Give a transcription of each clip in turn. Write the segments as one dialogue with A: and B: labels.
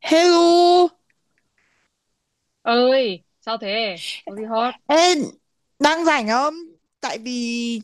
A: Hello,
B: Ơi sao thế? Có gì hot?
A: ê, đang rảnh không? Tại vì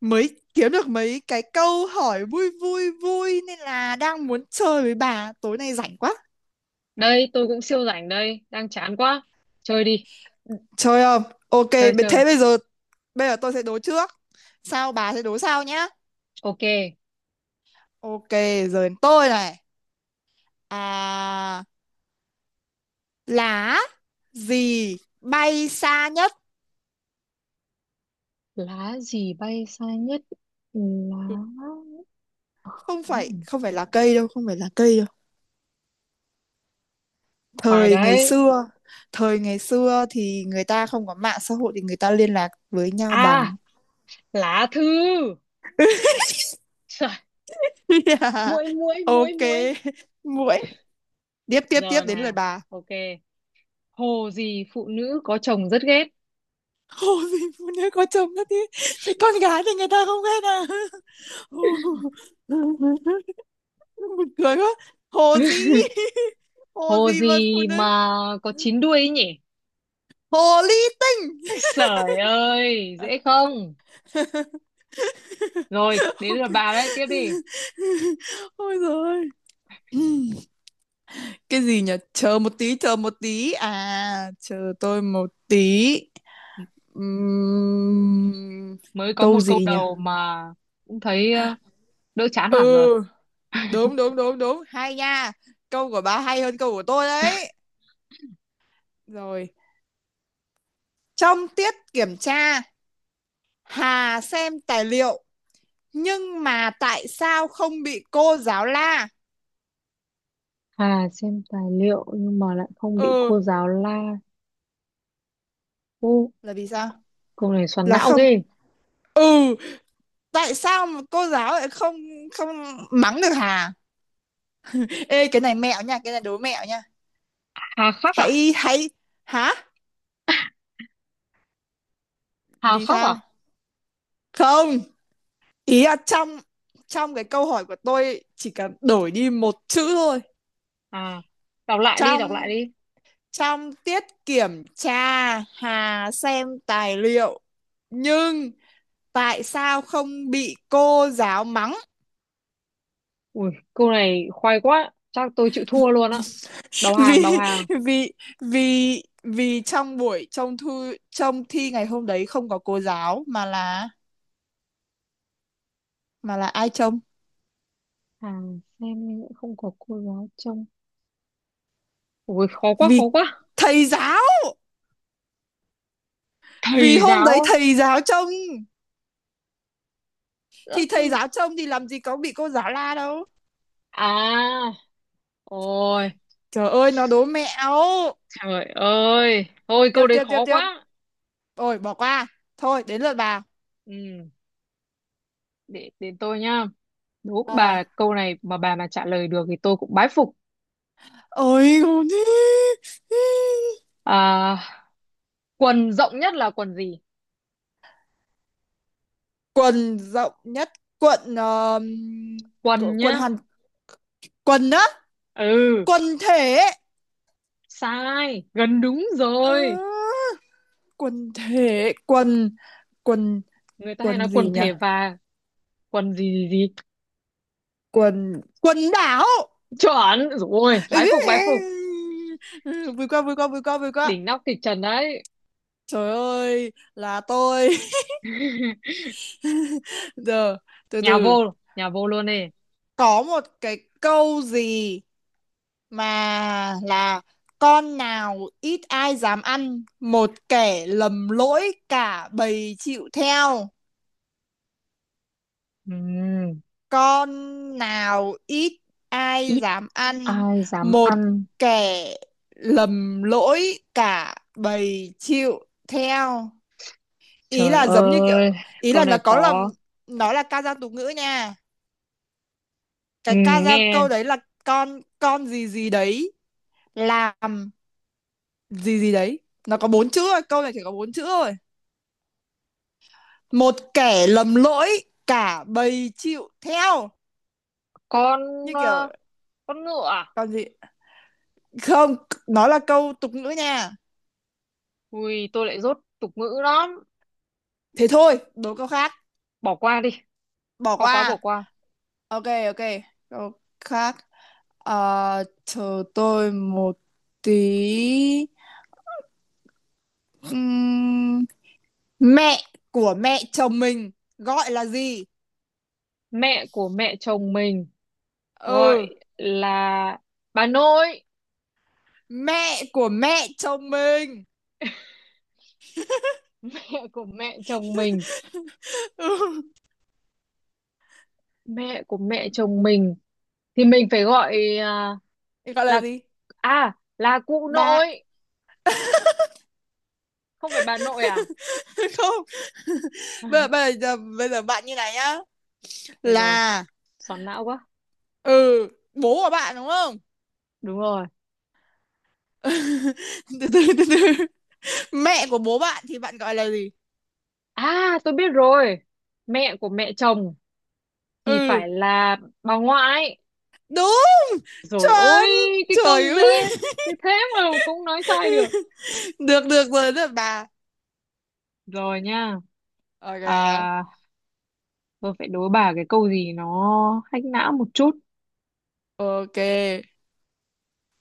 A: mới kiếm được mấy cái câu hỏi vui vui vui nên là đang muốn chơi với bà. Tối nay rảnh quá.
B: Đây tôi cũng siêu rảnh đây, đang chán quá. Chơi đi.
A: Chơi không? Ok,
B: Chơi chơi.
A: thế bây giờ tôi sẽ đố trước. Sao bà sẽ đố sau nhá.
B: Ok.
A: Ok, giờ đến tôi này. À, lá gì bay xa nhất?
B: Lá gì bay xa nhất? Lá.
A: Không phải,
B: Ừm,
A: không phải là cây đâu, không phải là cây đâu.
B: Khoai
A: thời ngày
B: đấy.
A: xưa Thời ngày xưa thì người ta không có mạng xã hội thì người ta liên lạc với nhau
B: À,
A: bằng...
B: lá thư. Trời.
A: Yeah.
B: muỗi muỗi muỗi
A: Ok,
B: muỗi
A: muội, tiếp tiếp tiếp
B: Giờ
A: đến lời
B: nè.
A: bà.
B: Ok. Hồ gì phụ nữ có chồng rất ghét?
A: Hồ gì phụ nữ có chồng đó thế? Thì con gái thì người ta không ghét à? Hồ- Buồn cười quá, hồ gì? Hồ
B: Hồ
A: gì mà phụ
B: gì mà
A: nữ?
B: có chín đuôi ấy nhỉ?
A: Hồ ly tinh.
B: Trời ơi, dễ không. Rồi đến
A: Ok,
B: lượt bà đấy, tiếp đi.
A: ôi rồi, cái gì nhỉ, chờ một tí, chờ một tí, à chờ tôi một tí. Ừm,
B: Mới có
A: Câu
B: một câu
A: gì nhỉ?
B: đầu mà cũng thấy đỡ chán hẳn rồi.
A: Ừ, đúng đúng đúng đúng, hay nha. Câu của bà hay hơn câu của tôi đấy. Rồi, trong tiết kiểm tra Hà xem tài liệu nhưng mà tại sao không bị cô giáo la?
B: Hà xem tài liệu nhưng mà lại không bị
A: Ừ,
B: cô giáo la. Ô,
A: là vì sao?
B: câu này xoắn
A: Là
B: não
A: không,
B: ghê.
A: ừ, tại sao mà cô giáo lại không, không mắng được Hà? Ê cái này mẹo nha, cái này đố mẹo nha.
B: Hà khắc à?
A: Hãy hãy, hả?
B: Hà
A: Vì
B: khắc à?
A: sao không? Ý là trong, trong cái câu hỏi của tôi chỉ cần đổi đi một chữ thôi.
B: À, đọc lại đi, đọc lại
A: Trong,
B: đi.
A: trong tiết kiểm tra Hà xem tài liệu, nhưng tại sao không bị cô giáo mắng?
B: Ui, câu này khoai quá. Chắc tôi chịu thua luôn á. Đầu
A: Vì,
B: hàng, đầu hàng.
A: vì vì trong buổi trông thư trông thi ngày hôm đấy không có cô giáo mà là, mà là ai trông?
B: Hà xem nhưng lại không có cô giáo trông. Ui, khó quá, khó
A: Vì
B: quá.
A: thầy giáo, vì
B: Thầy
A: hôm
B: giáo
A: đấy
B: á.
A: thầy giáo trông,
B: Ơ,
A: thì thầy
B: nhưng-
A: giáo trông thì làm gì có bị cô giáo la đâu.
B: à, ôi,
A: Trời ơi, nó đố mẹo.
B: trời ơi thôi
A: Tiếp
B: câu đấy
A: tiếp tiếp
B: khó
A: tiếp,
B: quá.
A: ôi bỏ qua, thôi đến lượt bà.
B: Ừ, để đến tôi nhá. Đố
A: ờ
B: bà câu này mà bà mà trả lời được thì tôi cũng bái phục.
A: Ôi con đi.
B: À, quần rộng nhất là quần gì?
A: Quần rộng nhất. Quần
B: Quần
A: quần
B: nhá.
A: hàn, quần á,
B: Ừ.
A: quần thể.
B: Sai, gần đúng
A: Ờ,
B: rồi.
A: quần thể, quần, quần,
B: Người ta hay
A: quần
B: nói quần
A: gì nhỉ?
B: thể và quần gì gì gì.
A: Quần, quần đảo.
B: Chuẩn rồi,
A: Ừ,
B: bái
A: ừ,
B: phục bái phục.
A: ừ. Ừ, vui quá vui quá vui quá vui quá.
B: Đỉnh nóc kịch trần đấy.
A: Trời ơi là tôi. Giờ, từ
B: Nhà
A: từ.
B: vô, nhà vô luôn đi.
A: Có một cái câu gì mà là: con nào ít ai dám ăn, một kẻ lầm lỗi cả bầy chịu theo.
B: Ừm,
A: Con nào ít ai
B: Ít
A: dám ăn,
B: ai dám
A: một
B: ăn.
A: kẻ lầm lỗi cả bầy chịu theo. Ý
B: Trời
A: là giống như kiểu,
B: ơi,
A: ý
B: câu
A: là
B: này
A: nó có là,
B: khó.
A: nó là ca dao tục ngữ nha. Cái ca dao
B: Nghe.
A: câu đấy là con gì gì đấy làm gì gì đấy. Nó có bốn chữ thôi, câu này chỉ có bốn chữ thôi. Một kẻ lầm lỗi, cả bầy chịu theo,
B: Con
A: như kiểu.
B: ờ, con ngựa à?
A: Còn gì? Không, nó là câu tục ngữ nha.
B: Ui, tôi lại dốt tục ngữ lắm.
A: Thế thôi, đố câu khác,
B: Bỏ qua đi,
A: bỏ
B: khó quá bỏ
A: qua.
B: qua.
A: Ok ok, câu khác. Ờ, chờ tôi một tí. Ừm, Mẹ của mẹ chồng mình gọi là gì?
B: Mẹ của mẹ chồng mình gọi
A: Ừ,
B: là bà nội.
A: mẹ của mẹ chồng mình.
B: Mẹ của mẹ chồng mình,
A: Ừ.
B: mẹ của mẹ
A: Ừ.
B: chồng mình thì mình phải gọi à,
A: Gọi là
B: là
A: gì?
B: à, là cụ
A: Bạn.
B: nội, không phải bà nội à?
A: Không. Bây giờ, bây giờ bây giờ bạn như này nhá,
B: Thế rồi,
A: là,
B: xoắn não quá.
A: ừ, bố của bạn đúng không?
B: Đúng rồi.
A: Từ từ từ từ, mẹ của bố bạn thì bạn gọi là gì?
B: À, tôi biết rồi. Mẹ của mẹ chồng thì
A: Ừ,
B: phải là bà ngoại.
A: đúng,
B: Rồi ôi,
A: chuẩn,
B: cái câu
A: trời
B: dễ
A: ơi.
B: như thế mà cũng nói sai được.
A: Được, được rồi, được bà.
B: Rồi nha. À,
A: Ok
B: tôi phải đố bà cái câu gì nó hack não một chút.
A: ok.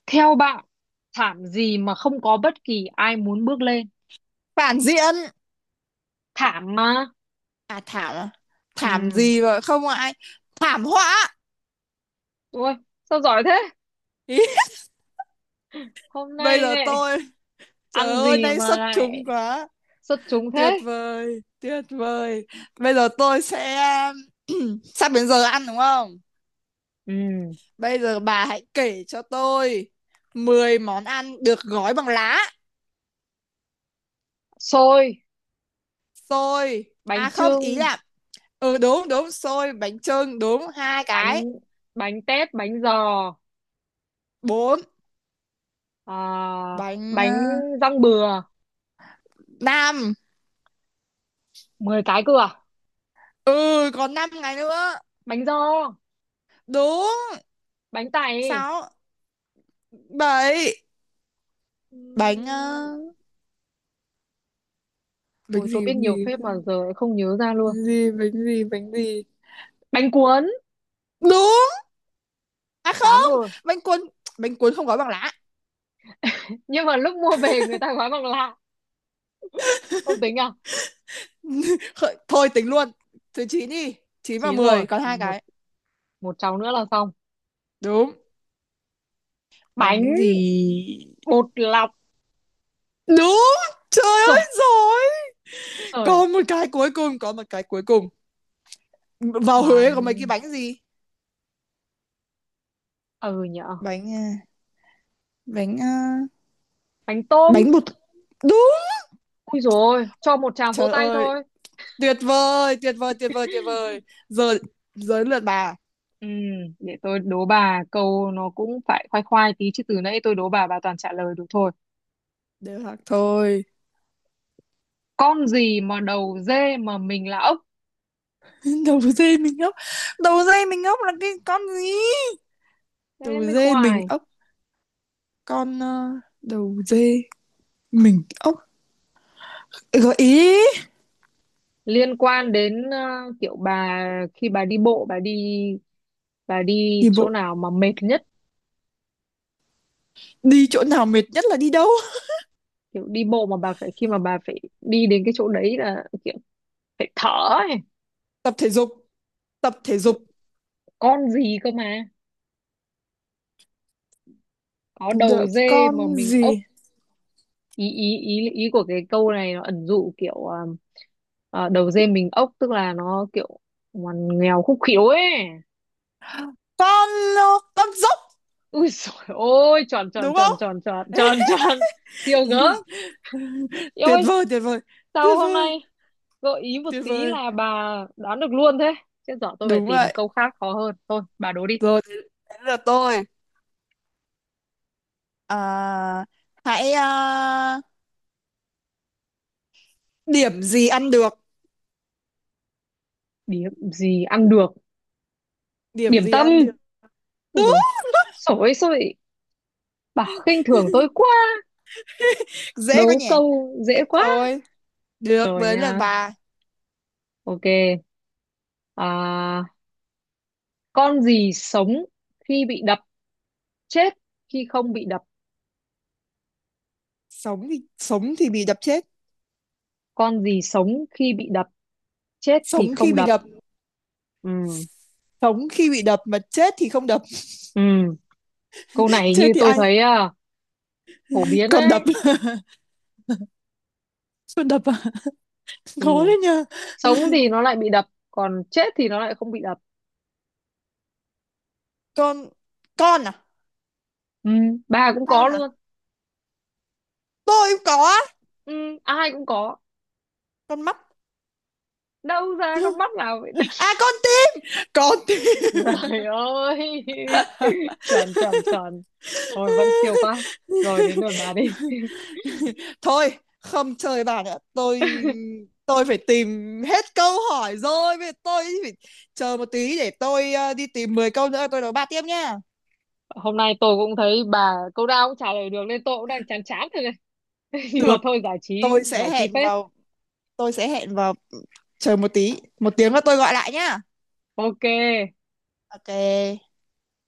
B: Theo bạn, thảm gì mà không có bất kỳ ai muốn bước lên?
A: Phản diện.
B: Thảm mà.
A: À thảm à?
B: Ừ.
A: Thảm gì mà không ai... Thảm họa.
B: Ôi, sao giỏi thế?
A: Ý,
B: Hôm
A: bây
B: nay
A: giờ
B: này
A: tôi, trời
B: ăn
A: ơi
B: gì
A: nay
B: mà
A: xuất
B: lại
A: chúng quá.
B: xuất chúng
A: Tuyệt
B: thế?
A: vời tuyệt vời. Bây giờ tôi sẽ... Sắp đến giờ ăn đúng không?
B: Ừ.
A: Bây giờ bà hãy kể cho tôi 10 món ăn được gói bằng lá.
B: Xôi,
A: Xôi.
B: bánh
A: À không ý
B: chưng,
A: là, ừ đúng đúng, xôi bánh chưng đúng, hai cái.
B: bánh bánh tét, bánh giò,
A: Bốn.
B: à,
A: Bánh
B: bánh răng bừa,
A: năm.
B: 10 cái cơ à?
A: Ừ còn 5 ngày nữa.
B: Bánh giò,
A: Đúng.
B: bánh tày.
A: Sáu. Bảy. Bánh
B: Ừm,
A: bánh
B: Ôi tôi
A: gì
B: biết
A: bánh
B: nhiều
A: gì
B: phép mà giờ lại không nhớ ra luôn.
A: bánh gì? Bánh gì bánh gì?
B: Bánh cuốn.
A: Đúng, à
B: Tám
A: không,
B: rồi.
A: bánh cuốn, bánh cuốn không gói bằng lá.
B: Nhưng mà lúc mua về người ta gói bằng lạ, không tính à?
A: Thôi tính luôn, thứ chín đi, chín và
B: Chín rồi,
A: mười còn hai
B: còn một,
A: cái.
B: một cháu nữa là xong.
A: Đúng.
B: Bánh
A: Bánh gì?
B: bột lọc.
A: Đúng, trời
B: Sời,
A: ơi rồi.
B: sời.
A: Còn một cái cuối cùng, có một cái cuối cùng. Vào Huế có mấy cái
B: Bánh,
A: bánh gì.
B: ừ nhở.
A: Bánh à, bánh à,
B: Bánh tôm.
A: bánh bột. Đúng,
B: Ui rồi, cho một tràng vỗ
A: trời
B: tay
A: ơi,
B: thôi.
A: tuyệt vời tuyệt vời tuyệt vời tuyệt vời. Giờ, giờ lượt bà.
B: Ừ, để tôi đố bà câu nó cũng phải khoai khoai tí chứ từ nãy tôi đố bà toàn trả lời được thôi.
A: Đều hoặc thôi.
B: Con gì mà đầu dê mà mình là ốc?
A: Đầu dê mình ốc. Đầu dê mình ốc là cái con gì?
B: Thế
A: Đầu
B: mới
A: dê mình
B: khoai.
A: ốc. Con đầu dê mình ốc. Gợi ý.
B: Liên quan đến kiểu bà khi bà đi bộ bà đi, bà đi
A: Đi
B: chỗ
A: bộ
B: nào mà mệt nhất,
A: đi chỗ nào mệt nhất là đi đâu?
B: kiểu đi bộ mà bà phải, khi mà bà phải đi đến cái chỗ đấy là kiểu phải thở ấy.
A: Tập thể dục, tập thể
B: Kiểu
A: dục.
B: con gì cơ mà có đầu
A: Đợi
B: dê mà
A: con
B: mình ốc.
A: gì.
B: Ý ý ý ý của cái câu này nó ẩn dụ kiểu đầu dê mình ốc tức là nó kiểu ngoằn nghèo khúc khiếu ấy.
A: Con ờ, con dốc,
B: Ui dồi ôi, tròn tròn
A: đúng
B: tròn
A: không?
B: tròn tròn tròn tròn Siêu gớm, yêu
A: Tuyệt
B: ơi.
A: vời tuyệt vời
B: Sao
A: tuyệt
B: hôm
A: vời
B: nay gợi ý một
A: tuyệt
B: tí
A: vời.
B: là bà đoán được luôn thế? Chết dở, tôi phải
A: Đúng
B: tìm
A: vậy.
B: câu khác khó hơn. Thôi, bà đố đi.
A: Rồi đến, đến lượt tôi. Ờ, hãy, điểm gì ăn được?
B: Điểm gì ăn được?
A: Điểm
B: Điểm
A: gì
B: tâm.
A: ăn được?
B: Ui
A: Đúng.
B: dồi, sổi sổi. Bà khinh thường tôi quá.
A: Dễ quá
B: Đố
A: nhỉ.
B: câu
A: Được
B: dễ quá.
A: thôi. Được
B: Rồi
A: với lần
B: nha.
A: bà.
B: Ok. À, con gì sống khi bị đập? Chết khi không bị đập.
A: Sống thì, sống thì bị đập chết.
B: Con gì sống khi bị đập? Chết thì
A: Sống khi
B: không
A: bị
B: đập.
A: đập.
B: Ừ.
A: Sống khi bị đập mà chết thì không đập.
B: Ừ. Câu này
A: Chết
B: như
A: thì
B: tôi
A: ai
B: thấy à, phổ biến
A: còn đập?
B: đấy.
A: Còn đập à?
B: Ừ.
A: Khó đấy nhờ.
B: Sống thì nó lại bị đập còn chết thì nó lại không bị đập.
A: con con à?
B: Ừ, bà cũng có
A: Con à?
B: luôn.
A: Tôi cũng có á.
B: Ừ, ai cũng có.
A: Con mắt.
B: Đâu ra con mắt nào vậy?
A: À con tim, con tim.
B: Trời ơi. tròn tròn tròn Rồi vẫn siêu quá. Rồi đến lượt bà đi.
A: Thôi không chơi bà nữa tôi. Tôi phải tìm, hết câu hỏi rồi, bây giờ tôi phải chờ một tí để tôi, đi tìm 10 câu nữa tôi đấu bà tiếp nha.
B: Hôm nay tôi cũng thấy bà câu nào cũng trả lời được nên tôi cũng đang chán chán rồi này. Nhưng mà
A: Được,
B: thôi, giải trí.
A: tôi sẽ
B: Giải trí
A: hẹn
B: phết.
A: vào, tôi sẽ hẹn vào, chờ một tí, một tiếng nữa tôi gọi lại nhá.
B: Ok.
A: Ok.